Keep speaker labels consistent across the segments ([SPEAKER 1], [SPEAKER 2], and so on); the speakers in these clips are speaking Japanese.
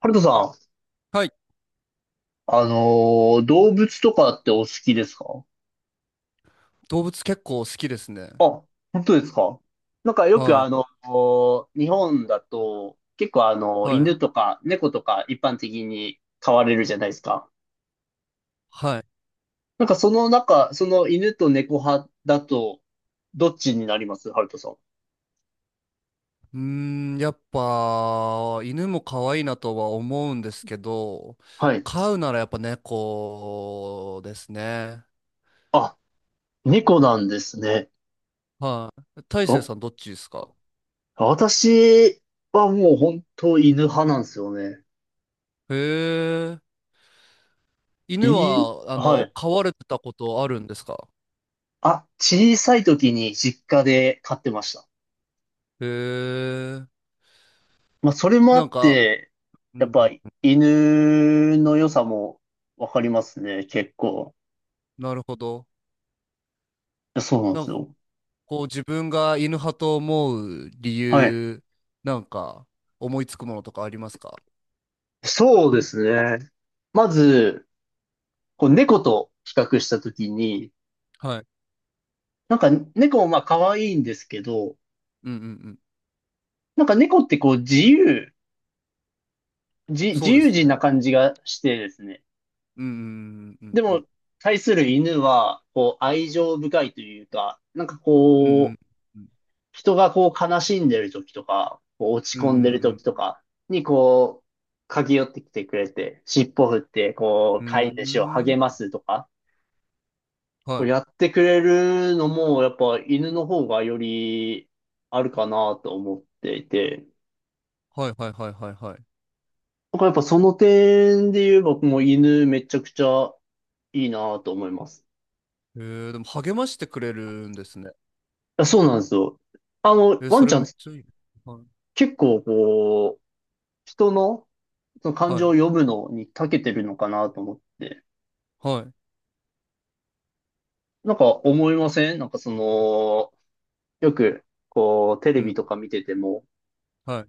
[SPEAKER 1] ハルトさん、
[SPEAKER 2] はい。
[SPEAKER 1] 動物とかってお好きですか？
[SPEAKER 2] 動物結構好きですね。
[SPEAKER 1] あ、本当ですか？なんかよく
[SPEAKER 2] はい。
[SPEAKER 1] 日本だと結構
[SPEAKER 2] はい。
[SPEAKER 1] 犬とか猫とか一般的に飼われるじゃないですか。
[SPEAKER 2] はい。
[SPEAKER 1] なんかその中、その犬と猫派だと、どっちになります、ハルトさん？
[SPEAKER 2] うーん、やっぱ、犬も可愛いなとは思うんですけど、
[SPEAKER 1] はい。
[SPEAKER 2] 飼うならやっぱ猫ですね。
[SPEAKER 1] あ、猫なんですね。
[SPEAKER 2] はい。大成
[SPEAKER 1] お、
[SPEAKER 2] さんどっちですか？
[SPEAKER 1] 私はもう本当犬派なんですよね。
[SPEAKER 2] へえ。
[SPEAKER 1] い
[SPEAKER 2] 犬
[SPEAKER 1] い、
[SPEAKER 2] は、
[SPEAKER 1] はい。
[SPEAKER 2] 飼われてたことあるんですか？
[SPEAKER 1] あ、小さい時に実家で飼ってました。
[SPEAKER 2] へえ。
[SPEAKER 1] まあ、それもあ
[SPEAKER 2] なん
[SPEAKER 1] っ
[SPEAKER 2] か、
[SPEAKER 1] て、
[SPEAKER 2] う
[SPEAKER 1] やっ
[SPEAKER 2] んう
[SPEAKER 1] ぱ
[SPEAKER 2] ん、
[SPEAKER 1] 犬の良さもわかりますね、結構。
[SPEAKER 2] なるほど。
[SPEAKER 1] そうなんで
[SPEAKER 2] な
[SPEAKER 1] す
[SPEAKER 2] んか、
[SPEAKER 1] よ。
[SPEAKER 2] こう自分が犬派と思う理
[SPEAKER 1] はい。
[SPEAKER 2] 由、なんか、思いつくものとかありますか？
[SPEAKER 1] そうですね。まず、こう猫と比較した時に、
[SPEAKER 2] はい。
[SPEAKER 1] なんか猫もまあ可愛いんですけど、
[SPEAKER 2] うんうんうん。
[SPEAKER 1] なんか猫ってこう自由、自、自
[SPEAKER 2] そうで
[SPEAKER 1] 由
[SPEAKER 2] すね。
[SPEAKER 1] 人な感じがしてですね。
[SPEAKER 2] うんうんうん
[SPEAKER 1] で
[SPEAKER 2] う
[SPEAKER 1] も、
[SPEAKER 2] ん
[SPEAKER 1] 対する犬は、こう愛情深いというか、なんか
[SPEAKER 2] う
[SPEAKER 1] こ
[SPEAKER 2] ん
[SPEAKER 1] う、
[SPEAKER 2] うん
[SPEAKER 1] 人がこう悲しんでる時とか、こう落ち
[SPEAKER 2] う
[SPEAKER 1] 込んで
[SPEAKER 2] ん
[SPEAKER 1] る
[SPEAKER 2] うん
[SPEAKER 1] 時とかにこう、駆け寄ってきてくれて、尻尾振って、こ
[SPEAKER 2] う
[SPEAKER 1] う、
[SPEAKER 2] んう
[SPEAKER 1] 飼い主を
[SPEAKER 2] んう
[SPEAKER 1] 励
[SPEAKER 2] ー
[SPEAKER 1] ま
[SPEAKER 2] ん。
[SPEAKER 1] すとか、
[SPEAKER 2] は
[SPEAKER 1] こうや
[SPEAKER 2] い。
[SPEAKER 1] ってくれるのも、やっぱ犬の方がよりあるかなと思っていて、
[SPEAKER 2] はいはいはいはいはい。
[SPEAKER 1] なんかやっぱその点で言えば、もう犬めちゃくちゃいいなと思います。
[SPEAKER 2] えー、でも励ましてくれるんですね。
[SPEAKER 1] いや、そうなんですよ。あの、
[SPEAKER 2] えー、
[SPEAKER 1] ワ
[SPEAKER 2] そ
[SPEAKER 1] ンち
[SPEAKER 2] れ
[SPEAKER 1] ゃ
[SPEAKER 2] め
[SPEAKER 1] ん
[SPEAKER 2] っちゃいい。はい。
[SPEAKER 1] 結構こう、人の、その感
[SPEAKER 2] は
[SPEAKER 1] 情を
[SPEAKER 2] い。
[SPEAKER 1] 読むのに長けてるのかなと思って。
[SPEAKER 2] はい。
[SPEAKER 1] なんか思いません？なんかその、よく、こう、テレ
[SPEAKER 2] う
[SPEAKER 1] ビと
[SPEAKER 2] ん。
[SPEAKER 1] か見てても、
[SPEAKER 2] はい。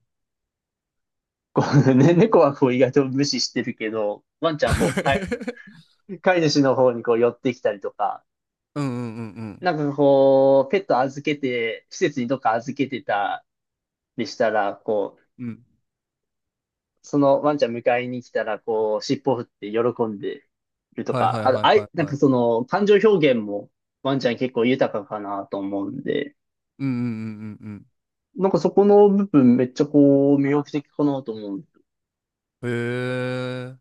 [SPEAKER 1] こう ね、猫はこう意外と無視してるけど、ワンちゃんこう、飼 い、飼い主の方にこう寄ってきたりとか、
[SPEAKER 2] うんうんうん
[SPEAKER 1] なんかこう、ペット預けて、施設にどっか預けてたりしたら、こう、
[SPEAKER 2] うんうん。
[SPEAKER 1] そのワンちゃん迎えに来たら、こう、尻尾振って喜んでると
[SPEAKER 2] はい
[SPEAKER 1] か、
[SPEAKER 2] はい
[SPEAKER 1] あ、
[SPEAKER 2] はい
[SPEAKER 1] あ
[SPEAKER 2] は
[SPEAKER 1] い、
[SPEAKER 2] い
[SPEAKER 1] なん
[SPEAKER 2] は
[SPEAKER 1] か
[SPEAKER 2] い。
[SPEAKER 1] その、感情表現もワンちゃん結構豊かかなと思うんで、
[SPEAKER 2] うんうんうんうん
[SPEAKER 1] なんかそこの部分めっちゃこう、魅力的かなと思うん
[SPEAKER 2] うん。えー、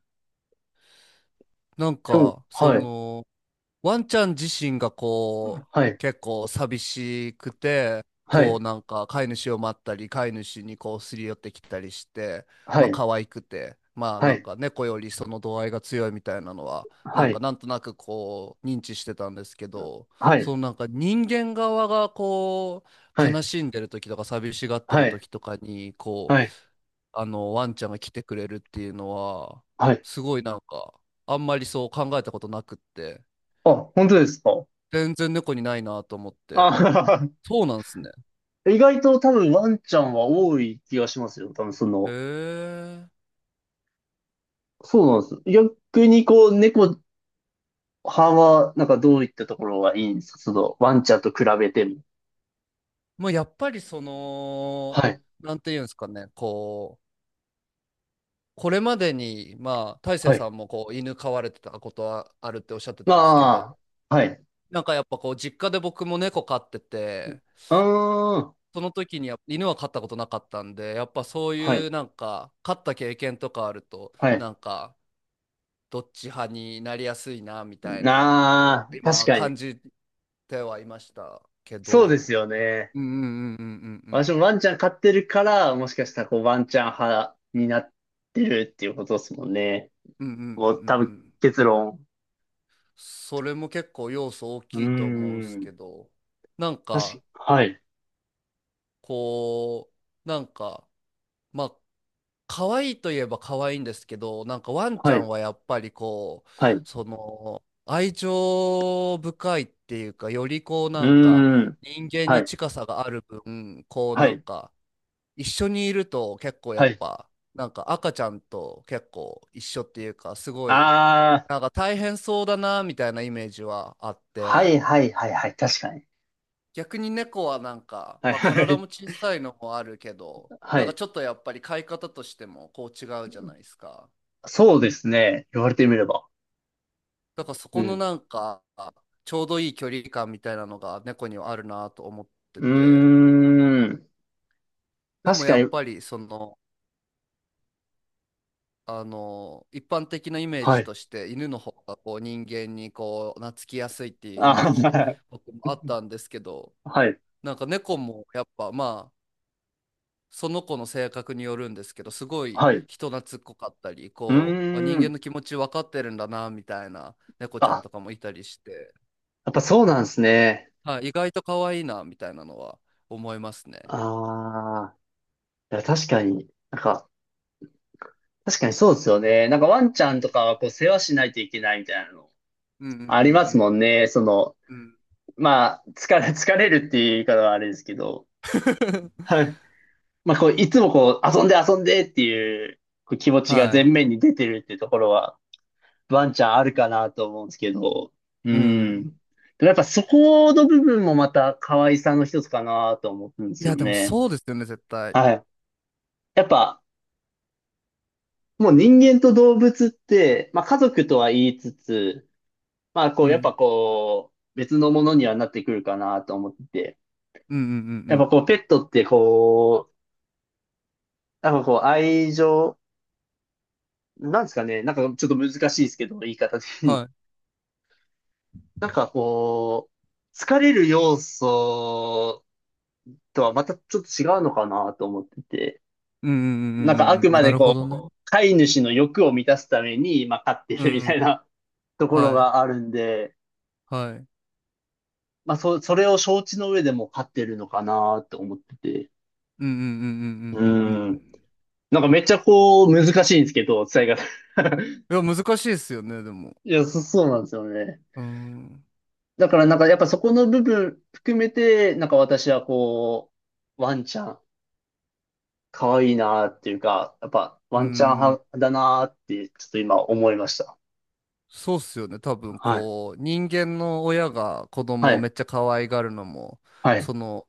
[SPEAKER 2] なん
[SPEAKER 1] でも、
[SPEAKER 2] か、そ
[SPEAKER 1] はい、
[SPEAKER 2] の、ワンちゃん自身がこ
[SPEAKER 1] は
[SPEAKER 2] う、
[SPEAKER 1] い、
[SPEAKER 2] 結構寂しくて、
[SPEAKER 1] は
[SPEAKER 2] こう
[SPEAKER 1] い、
[SPEAKER 2] なんか飼い主を待ったり、飼い主にこうすり寄ってきたりして、
[SPEAKER 1] は
[SPEAKER 2] まあ
[SPEAKER 1] い、
[SPEAKER 2] 可愛くて、まあ
[SPEAKER 1] は
[SPEAKER 2] なん
[SPEAKER 1] い、
[SPEAKER 2] か猫よりその度合いが強いみたいなのは、なん
[SPEAKER 1] は
[SPEAKER 2] か
[SPEAKER 1] い、
[SPEAKER 2] なんとなくこう認知してたんですけど、
[SPEAKER 1] は
[SPEAKER 2] そ
[SPEAKER 1] い、
[SPEAKER 2] のなんか人間側がこ
[SPEAKER 1] は
[SPEAKER 2] う、悲
[SPEAKER 1] い、
[SPEAKER 2] しんでる時とか寂しがってる
[SPEAKER 1] はい、
[SPEAKER 2] 時とかに、こう、
[SPEAKER 1] はい、
[SPEAKER 2] あのワンちゃんが来てくれるっていうのは、
[SPEAKER 1] はい。
[SPEAKER 2] すごいなんか、あんまりそう考えたことなくって。
[SPEAKER 1] あ、本当ですか。
[SPEAKER 2] 全然猫にないなと思って。
[SPEAKER 1] あ、
[SPEAKER 2] そうなんですね。
[SPEAKER 1] 意外と多分ワンちゃんは多い気がしますよ。多分そ
[SPEAKER 2] へ
[SPEAKER 1] の、
[SPEAKER 2] え。
[SPEAKER 1] そうなんです。逆にこう、猫派は、なんかどういったところがいいんですか、その、ワンちゃんと比べても？
[SPEAKER 2] まあやっぱりそ
[SPEAKER 1] は
[SPEAKER 2] の、
[SPEAKER 1] い、
[SPEAKER 2] なんていうんですかね、こう、これまでに、まあ、大成
[SPEAKER 1] はい。
[SPEAKER 2] さんもこう犬飼われてたことはあるっておっしゃってたんですけど、
[SPEAKER 1] まあ、はい。う
[SPEAKER 2] なんかやっぱこう、実家で僕も猫飼ってて、
[SPEAKER 1] ーん、
[SPEAKER 2] その時にやっぱ犬は飼ったことなかったんで、やっぱそう
[SPEAKER 1] は
[SPEAKER 2] い
[SPEAKER 1] い、
[SPEAKER 2] うなんか、飼った経験とかあると、
[SPEAKER 1] はい。
[SPEAKER 2] なんか、どっち派になりやすいな、みたいな、
[SPEAKER 1] なあ、確
[SPEAKER 2] 今
[SPEAKER 1] かに。
[SPEAKER 2] 感じてはいましたけ
[SPEAKER 1] そうです
[SPEAKER 2] ど、
[SPEAKER 1] よね。
[SPEAKER 2] うんうんうんうん
[SPEAKER 1] 私もワンちゃん飼ってるから、もしかしたらこうワンちゃん派になってるっていうことですもんね。
[SPEAKER 2] うんうんうんうんうんう
[SPEAKER 1] もう多
[SPEAKER 2] んう
[SPEAKER 1] 分
[SPEAKER 2] ん。
[SPEAKER 1] 結論。
[SPEAKER 2] それも結構要素大
[SPEAKER 1] うー
[SPEAKER 2] きいと思うんすけ
[SPEAKER 1] ん。
[SPEAKER 2] ど、なんか
[SPEAKER 1] はい、
[SPEAKER 2] こうなんかまあ可愛いといえば可愛いんですけど、なんかワンち
[SPEAKER 1] は
[SPEAKER 2] ゃ
[SPEAKER 1] い、
[SPEAKER 2] んはやっぱりこう
[SPEAKER 1] はい。う
[SPEAKER 2] その愛情深いっていうか、よりこうなんか
[SPEAKER 1] ーん。
[SPEAKER 2] 人間
[SPEAKER 1] は
[SPEAKER 2] に
[SPEAKER 1] い、
[SPEAKER 2] 近さがある分こう
[SPEAKER 1] は
[SPEAKER 2] なん
[SPEAKER 1] い、
[SPEAKER 2] か一緒にいると結構やっ
[SPEAKER 1] はい。
[SPEAKER 2] ぱなんか赤ちゃんと結構一緒っていうか、すごい
[SPEAKER 1] あー。
[SPEAKER 2] なんか大変そうだなみたいなイメージはあっ
[SPEAKER 1] は
[SPEAKER 2] て、
[SPEAKER 1] い、はい、はい、はい。確かに。
[SPEAKER 2] 逆に猫はなんか、
[SPEAKER 1] はい、
[SPEAKER 2] まあ
[SPEAKER 1] は
[SPEAKER 2] 体
[SPEAKER 1] い、
[SPEAKER 2] も小さいのもあるけど、
[SPEAKER 1] は
[SPEAKER 2] なんか
[SPEAKER 1] い。
[SPEAKER 2] ちょっとやっぱり飼い方としてもこう違うじゃないですか。
[SPEAKER 1] そうですね。言われてみれば。
[SPEAKER 2] だからそ
[SPEAKER 1] う
[SPEAKER 2] この
[SPEAKER 1] ん。
[SPEAKER 2] なんか、ちょうどいい距離感みたいなのが猫にはあるなと思ってて、
[SPEAKER 1] うーん。
[SPEAKER 2] で
[SPEAKER 1] 確
[SPEAKER 2] もや
[SPEAKER 1] かに。
[SPEAKER 2] っぱりその、あの、一般的なイメー
[SPEAKER 1] は
[SPEAKER 2] ジ
[SPEAKER 1] い。
[SPEAKER 2] として犬の方がこう人間にこう懐きやすいっていうイメ
[SPEAKER 1] あ、
[SPEAKER 2] ージ 僕もあったんですけど、
[SPEAKER 1] はい、
[SPEAKER 2] なんか猫もやっぱまあ、その子の性格によるんですけど、すごい
[SPEAKER 1] はい。う
[SPEAKER 2] 人懐っこかったり、
[SPEAKER 1] ー
[SPEAKER 2] こう、あ人間
[SPEAKER 1] ん。
[SPEAKER 2] の気持ち分かってるんだな、みたいな猫ちゃん
[SPEAKER 1] あ、
[SPEAKER 2] とかもいたりして、
[SPEAKER 1] やっぱそうなんですね。
[SPEAKER 2] はい、意外と可愛いな、みたいなのは思いますね。
[SPEAKER 1] ああ、いや確かに、なんか、確かにそうですよね。なんかワンちゃんとかはこう世話しないといけないみたいなの
[SPEAKER 2] うんうん
[SPEAKER 1] あ
[SPEAKER 2] う
[SPEAKER 1] りますもん
[SPEAKER 2] ん
[SPEAKER 1] ね。その、
[SPEAKER 2] うん。うん。
[SPEAKER 1] まあ、疲れるっていう言い方はあれですけど、は い。まあ、こう、いつもこう、遊んで遊んでっていう、こう気持ちが前
[SPEAKER 2] はい。
[SPEAKER 1] 面に出てるっていうところは、ワンちゃんあるかなと思うんですけど、う
[SPEAKER 2] う
[SPEAKER 1] ん。
[SPEAKER 2] ん。
[SPEAKER 1] でもやっぱそこの部分もまた可愛さの一つかなと思うんで
[SPEAKER 2] い
[SPEAKER 1] すよ
[SPEAKER 2] や、でも
[SPEAKER 1] ね。
[SPEAKER 2] そうですよね、絶対。
[SPEAKER 1] はい。やっぱ、もう人間と動物って、まあ家族とは言いつつ、まあこ
[SPEAKER 2] う
[SPEAKER 1] うやっ
[SPEAKER 2] ん。
[SPEAKER 1] ぱこう別のものにはなってくるかなと思ってて、
[SPEAKER 2] うんうんう
[SPEAKER 1] やっぱ
[SPEAKER 2] ん
[SPEAKER 1] こうペットってこう、なんかこう愛情、なんですかね、なんかちょっと難しいですけど、言い方で。
[SPEAKER 2] うん。はい。
[SPEAKER 1] なんかこう、疲れる要素とはまたちょっと違うのかなと思ってて、
[SPEAKER 2] うんうんう
[SPEAKER 1] なんかあ
[SPEAKER 2] んうん
[SPEAKER 1] く
[SPEAKER 2] うんうん。
[SPEAKER 1] ま
[SPEAKER 2] な
[SPEAKER 1] で
[SPEAKER 2] るほどね。
[SPEAKER 1] こう、飼い主の欲を満たすために、まあ飼って
[SPEAKER 2] う
[SPEAKER 1] るみ
[SPEAKER 2] んう
[SPEAKER 1] た
[SPEAKER 2] ん。
[SPEAKER 1] いなところ
[SPEAKER 2] はい。
[SPEAKER 1] があるんで、
[SPEAKER 2] はい。うん
[SPEAKER 1] まあ、それを承知の上でも勝ってるのかなって思ってて。
[SPEAKER 2] うんうんうん
[SPEAKER 1] う
[SPEAKER 2] うんうんう
[SPEAKER 1] ん。
[SPEAKER 2] ん。
[SPEAKER 1] なんかめっちゃこう、難しいんですけど、伝え方。
[SPEAKER 2] いや、難しいですよね、でも。
[SPEAKER 1] いや、そうなんですよね。
[SPEAKER 2] うん。
[SPEAKER 1] だからなんかやっぱそこの部分含めて、なんか私はこう、ワンちゃん、可愛いなっていうか、やっぱ
[SPEAKER 2] う
[SPEAKER 1] ワンちゃん
[SPEAKER 2] ん。
[SPEAKER 1] 派だなって、ちょっと今思いました。
[SPEAKER 2] そうっすよね。多分
[SPEAKER 1] はい。
[SPEAKER 2] こう、人間の親が子
[SPEAKER 1] は
[SPEAKER 2] 供を
[SPEAKER 1] い。
[SPEAKER 2] めっちゃ可愛がるのも、
[SPEAKER 1] はい。
[SPEAKER 2] その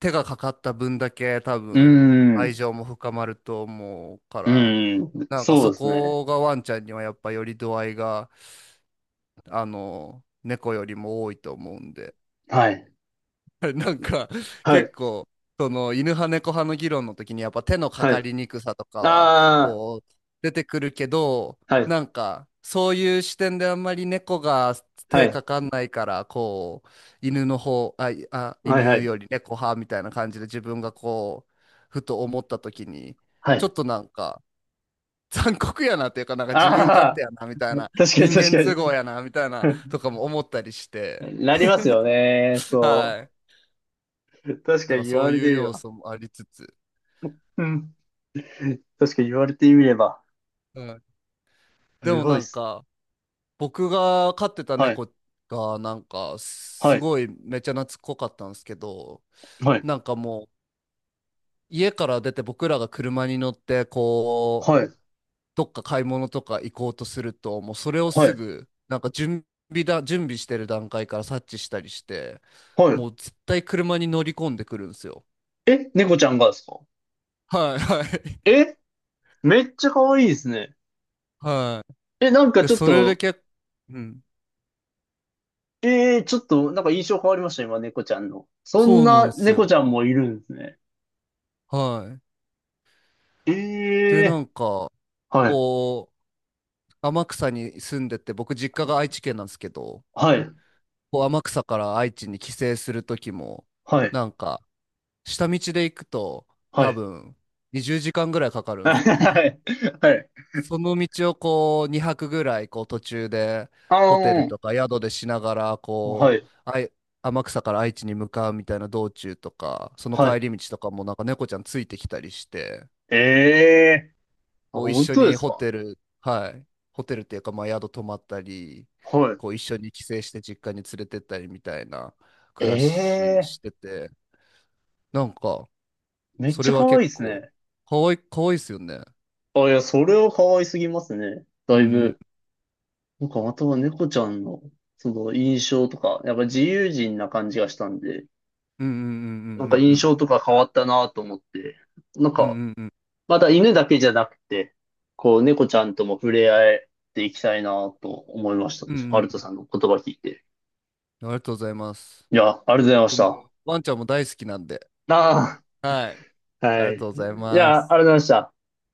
[SPEAKER 2] 手がかかった分だけ多
[SPEAKER 1] うー
[SPEAKER 2] 分愛
[SPEAKER 1] ん。
[SPEAKER 2] 情も深まると思うか
[SPEAKER 1] う
[SPEAKER 2] ら、
[SPEAKER 1] ーん。
[SPEAKER 2] なんか
[SPEAKER 1] そう
[SPEAKER 2] そ
[SPEAKER 1] ですね。
[SPEAKER 2] こがワンちゃんにはやっぱより度合いが、あの、猫よりも多いと思うんで。
[SPEAKER 1] はい。
[SPEAKER 2] なんか
[SPEAKER 1] は
[SPEAKER 2] 結
[SPEAKER 1] い。
[SPEAKER 2] 構その犬派猫派の議論の時にやっぱ手のか
[SPEAKER 1] はい。
[SPEAKER 2] かりにくさとかは
[SPEAKER 1] あ
[SPEAKER 2] こう出てくるけど、
[SPEAKER 1] あ、はい。
[SPEAKER 2] なんかそういう視点であんまり猫が
[SPEAKER 1] は
[SPEAKER 2] 手
[SPEAKER 1] い。
[SPEAKER 2] かかんないからこう犬の方あ、いあ
[SPEAKER 1] はい。は
[SPEAKER 2] 犬
[SPEAKER 1] い。
[SPEAKER 2] より猫派みたいな感じで自分がこうふと思った時に
[SPEAKER 1] は
[SPEAKER 2] ちょっ
[SPEAKER 1] い。
[SPEAKER 2] となんか残酷やなっていうか、なんか自分勝手
[SPEAKER 1] ああ、
[SPEAKER 2] やなみたいな
[SPEAKER 1] 確かに
[SPEAKER 2] 人
[SPEAKER 1] 確
[SPEAKER 2] 間
[SPEAKER 1] か
[SPEAKER 2] 都合
[SPEAKER 1] に。
[SPEAKER 2] やなみたいなとかも思ったりして、
[SPEAKER 1] なりますよね。そ
[SPEAKER 2] はい。
[SPEAKER 1] う。確
[SPEAKER 2] で
[SPEAKER 1] か
[SPEAKER 2] も
[SPEAKER 1] に言
[SPEAKER 2] そ
[SPEAKER 1] わ
[SPEAKER 2] う
[SPEAKER 1] れて
[SPEAKER 2] いう
[SPEAKER 1] みれ
[SPEAKER 2] 要
[SPEAKER 1] ば。
[SPEAKER 2] 素もありつつ。
[SPEAKER 1] うん。確かに言われてみれば。
[SPEAKER 2] うん、で
[SPEAKER 1] す
[SPEAKER 2] も
[SPEAKER 1] ごい
[SPEAKER 2] な
[SPEAKER 1] っ
[SPEAKER 2] ん
[SPEAKER 1] す。
[SPEAKER 2] か僕が飼ってた
[SPEAKER 1] はい。
[SPEAKER 2] 猫がなんか
[SPEAKER 1] は
[SPEAKER 2] す
[SPEAKER 1] い。
[SPEAKER 2] ごいめっちゃ懐っこかったんですけど、
[SPEAKER 1] はい。
[SPEAKER 2] なんかもう家から出て僕らが車に乗ってこう
[SPEAKER 1] はい。
[SPEAKER 2] どっか買い物とか行こうとするともうそれを
[SPEAKER 1] は
[SPEAKER 2] す
[SPEAKER 1] い。
[SPEAKER 2] ぐなんか準備してる段階から察知したりして、
[SPEAKER 1] は
[SPEAKER 2] もう絶対車に乗り込んでくるんですよ。
[SPEAKER 1] い。え、猫ちゃんがですか？
[SPEAKER 2] はいはい
[SPEAKER 1] え、めっちゃ可愛いですね。
[SPEAKER 2] はい。
[SPEAKER 1] え、なんか
[SPEAKER 2] で
[SPEAKER 1] ちょっ
[SPEAKER 2] それで
[SPEAKER 1] と、
[SPEAKER 2] 結構、うん、
[SPEAKER 1] ちょっと、なんか印象変わりました、今、猫ちゃんの。そん
[SPEAKER 2] そうなん
[SPEAKER 1] な
[SPEAKER 2] です
[SPEAKER 1] 猫ち
[SPEAKER 2] よ。
[SPEAKER 1] ゃんもいるんですね。
[SPEAKER 2] はい。
[SPEAKER 1] え
[SPEAKER 2] でな
[SPEAKER 1] え
[SPEAKER 2] んか
[SPEAKER 1] ー、はい。
[SPEAKER 2] こう天草に住んでて、僕実家が愛知県なんですけど、
[SPEAKER 1] はい。
[SPEAKER 2] こう天草から愛知に帰省するときも、
[SPEAKER 1] はい。
[SPEAKER 2] なんか、下道で行くと、
[SPEAKER 1] は
[SPEAKER 2] 多
[SPEAKER 1] い。
[SPEAKER 2] 分、20時間ぐらいかか るんですかね。
[SPEAKER 1] はい。はい。
[SPEAKER 2] その道をこう、2泊ぐらい、こう、途中で、
[SPEAKER 1] あ
[SPEAKER 2] ホテル
[SPEAKER 1] の
[SPEAKER 2] とか宿でしながら、
[SPEAKER 1] は
[SPEAKER 2] こう、
[SPEAKER 1] い。
[SPEAKER 2] 天草から愛知に向かうみたいな道中とか、その
[SPEAKER 1] は
[SPEAKER 2] 帰
[SPEAKER 1] い。
[SPEAKER 2] り道とかもなんか猫ちゃんついてきたりして、
[SPEAKER 1] ええー、あ、
[SPEAKER 2] こう一
[SPEAKER 1] 本
[SPEAKER 2] 緒
[SPEAKER 1] 当で
[SPEAKER 2] に
[SPEAKER 1] す
[SPEAKER 2] ホ
[SPEAKER 1] か？
[SPEAKER 2] テル、はい、ホテルっていうか、まあ宿泊まったり、
[SPEAKER 1] はい。
[SPEAKER 2] こう一緒に帰省して実家に連れてったりみたいな暮らし
[SPEAKER 1] ええ
[SPEAKER 2] してて、なんか、
[SPEAKER 1] ー、めっ
[SPEAKER 2] そ
[SPEAKER 1] ち
[SPEAKER 2] れ
[SPEAKER 1] ゃ
[SPEAKER 2] は
[SPEAKER 1] 可愛い
[SPEAKER 2] 結
[SPEAKER 1] です
[SPEAKER 2] 構、
[SPEAKER 1] ね。
[SPEAKER 2] かわいいですよね。
[SPEAKER 1] あ、いや、それは可愛すぎますね。だいぶ。なんか、または猫ちゃんの、その印象とか、やっぱ自由人な感じがしたんで、
[SPEAKER 2] うんうん
[SPEAKER 1] なんか
[SPEAKER 2] う
[SPEAKER 1] 印象
[SPEAKER 2] ん
[SPEAKER 1] とか変わったなと思って、なん
[SPEAKER 2] うんうんうん
[SPEAKER 1] か、
[SPEAKER 2] うんうん
[SPEAKER 1] また犬だけじゃなくて、こう、猫ちゃんとも触れ合えていきたいなと思いまし
[SPEAKER 2] うんう
[SPEAKER 1] た。
[SPEAKER 2] んう
[SPEAKER 1] アルト
[SPEAKER 2] ん。
[SPEAKER 1] さんの言葉聞いて。
[SPEAKER 2] ありがとうございます。
[SPEAKER 1] いや、ありがとうございまし
[SPEAKER 2] 僕
[SPEAKER 1] た。
[SPEAKER 2] も、ワンちゃんも大好きなんで。
[SPEAKER 1] あ
[SPEAKER 2] はい。
[SPEAKER 1] あ、
[SPEAKER 2] あ
[SPEAKER 1] は
[SPEAKER 2] りがと
[SPEAKER 1] い。
[SPEAKER 2] うござい
[SPEAKER 1] い
[SPEAKER 2] ま
[SPEAKER 1] や、ありがとう
[SPEAKER 2] す。
[SPEAKER 1] ございました。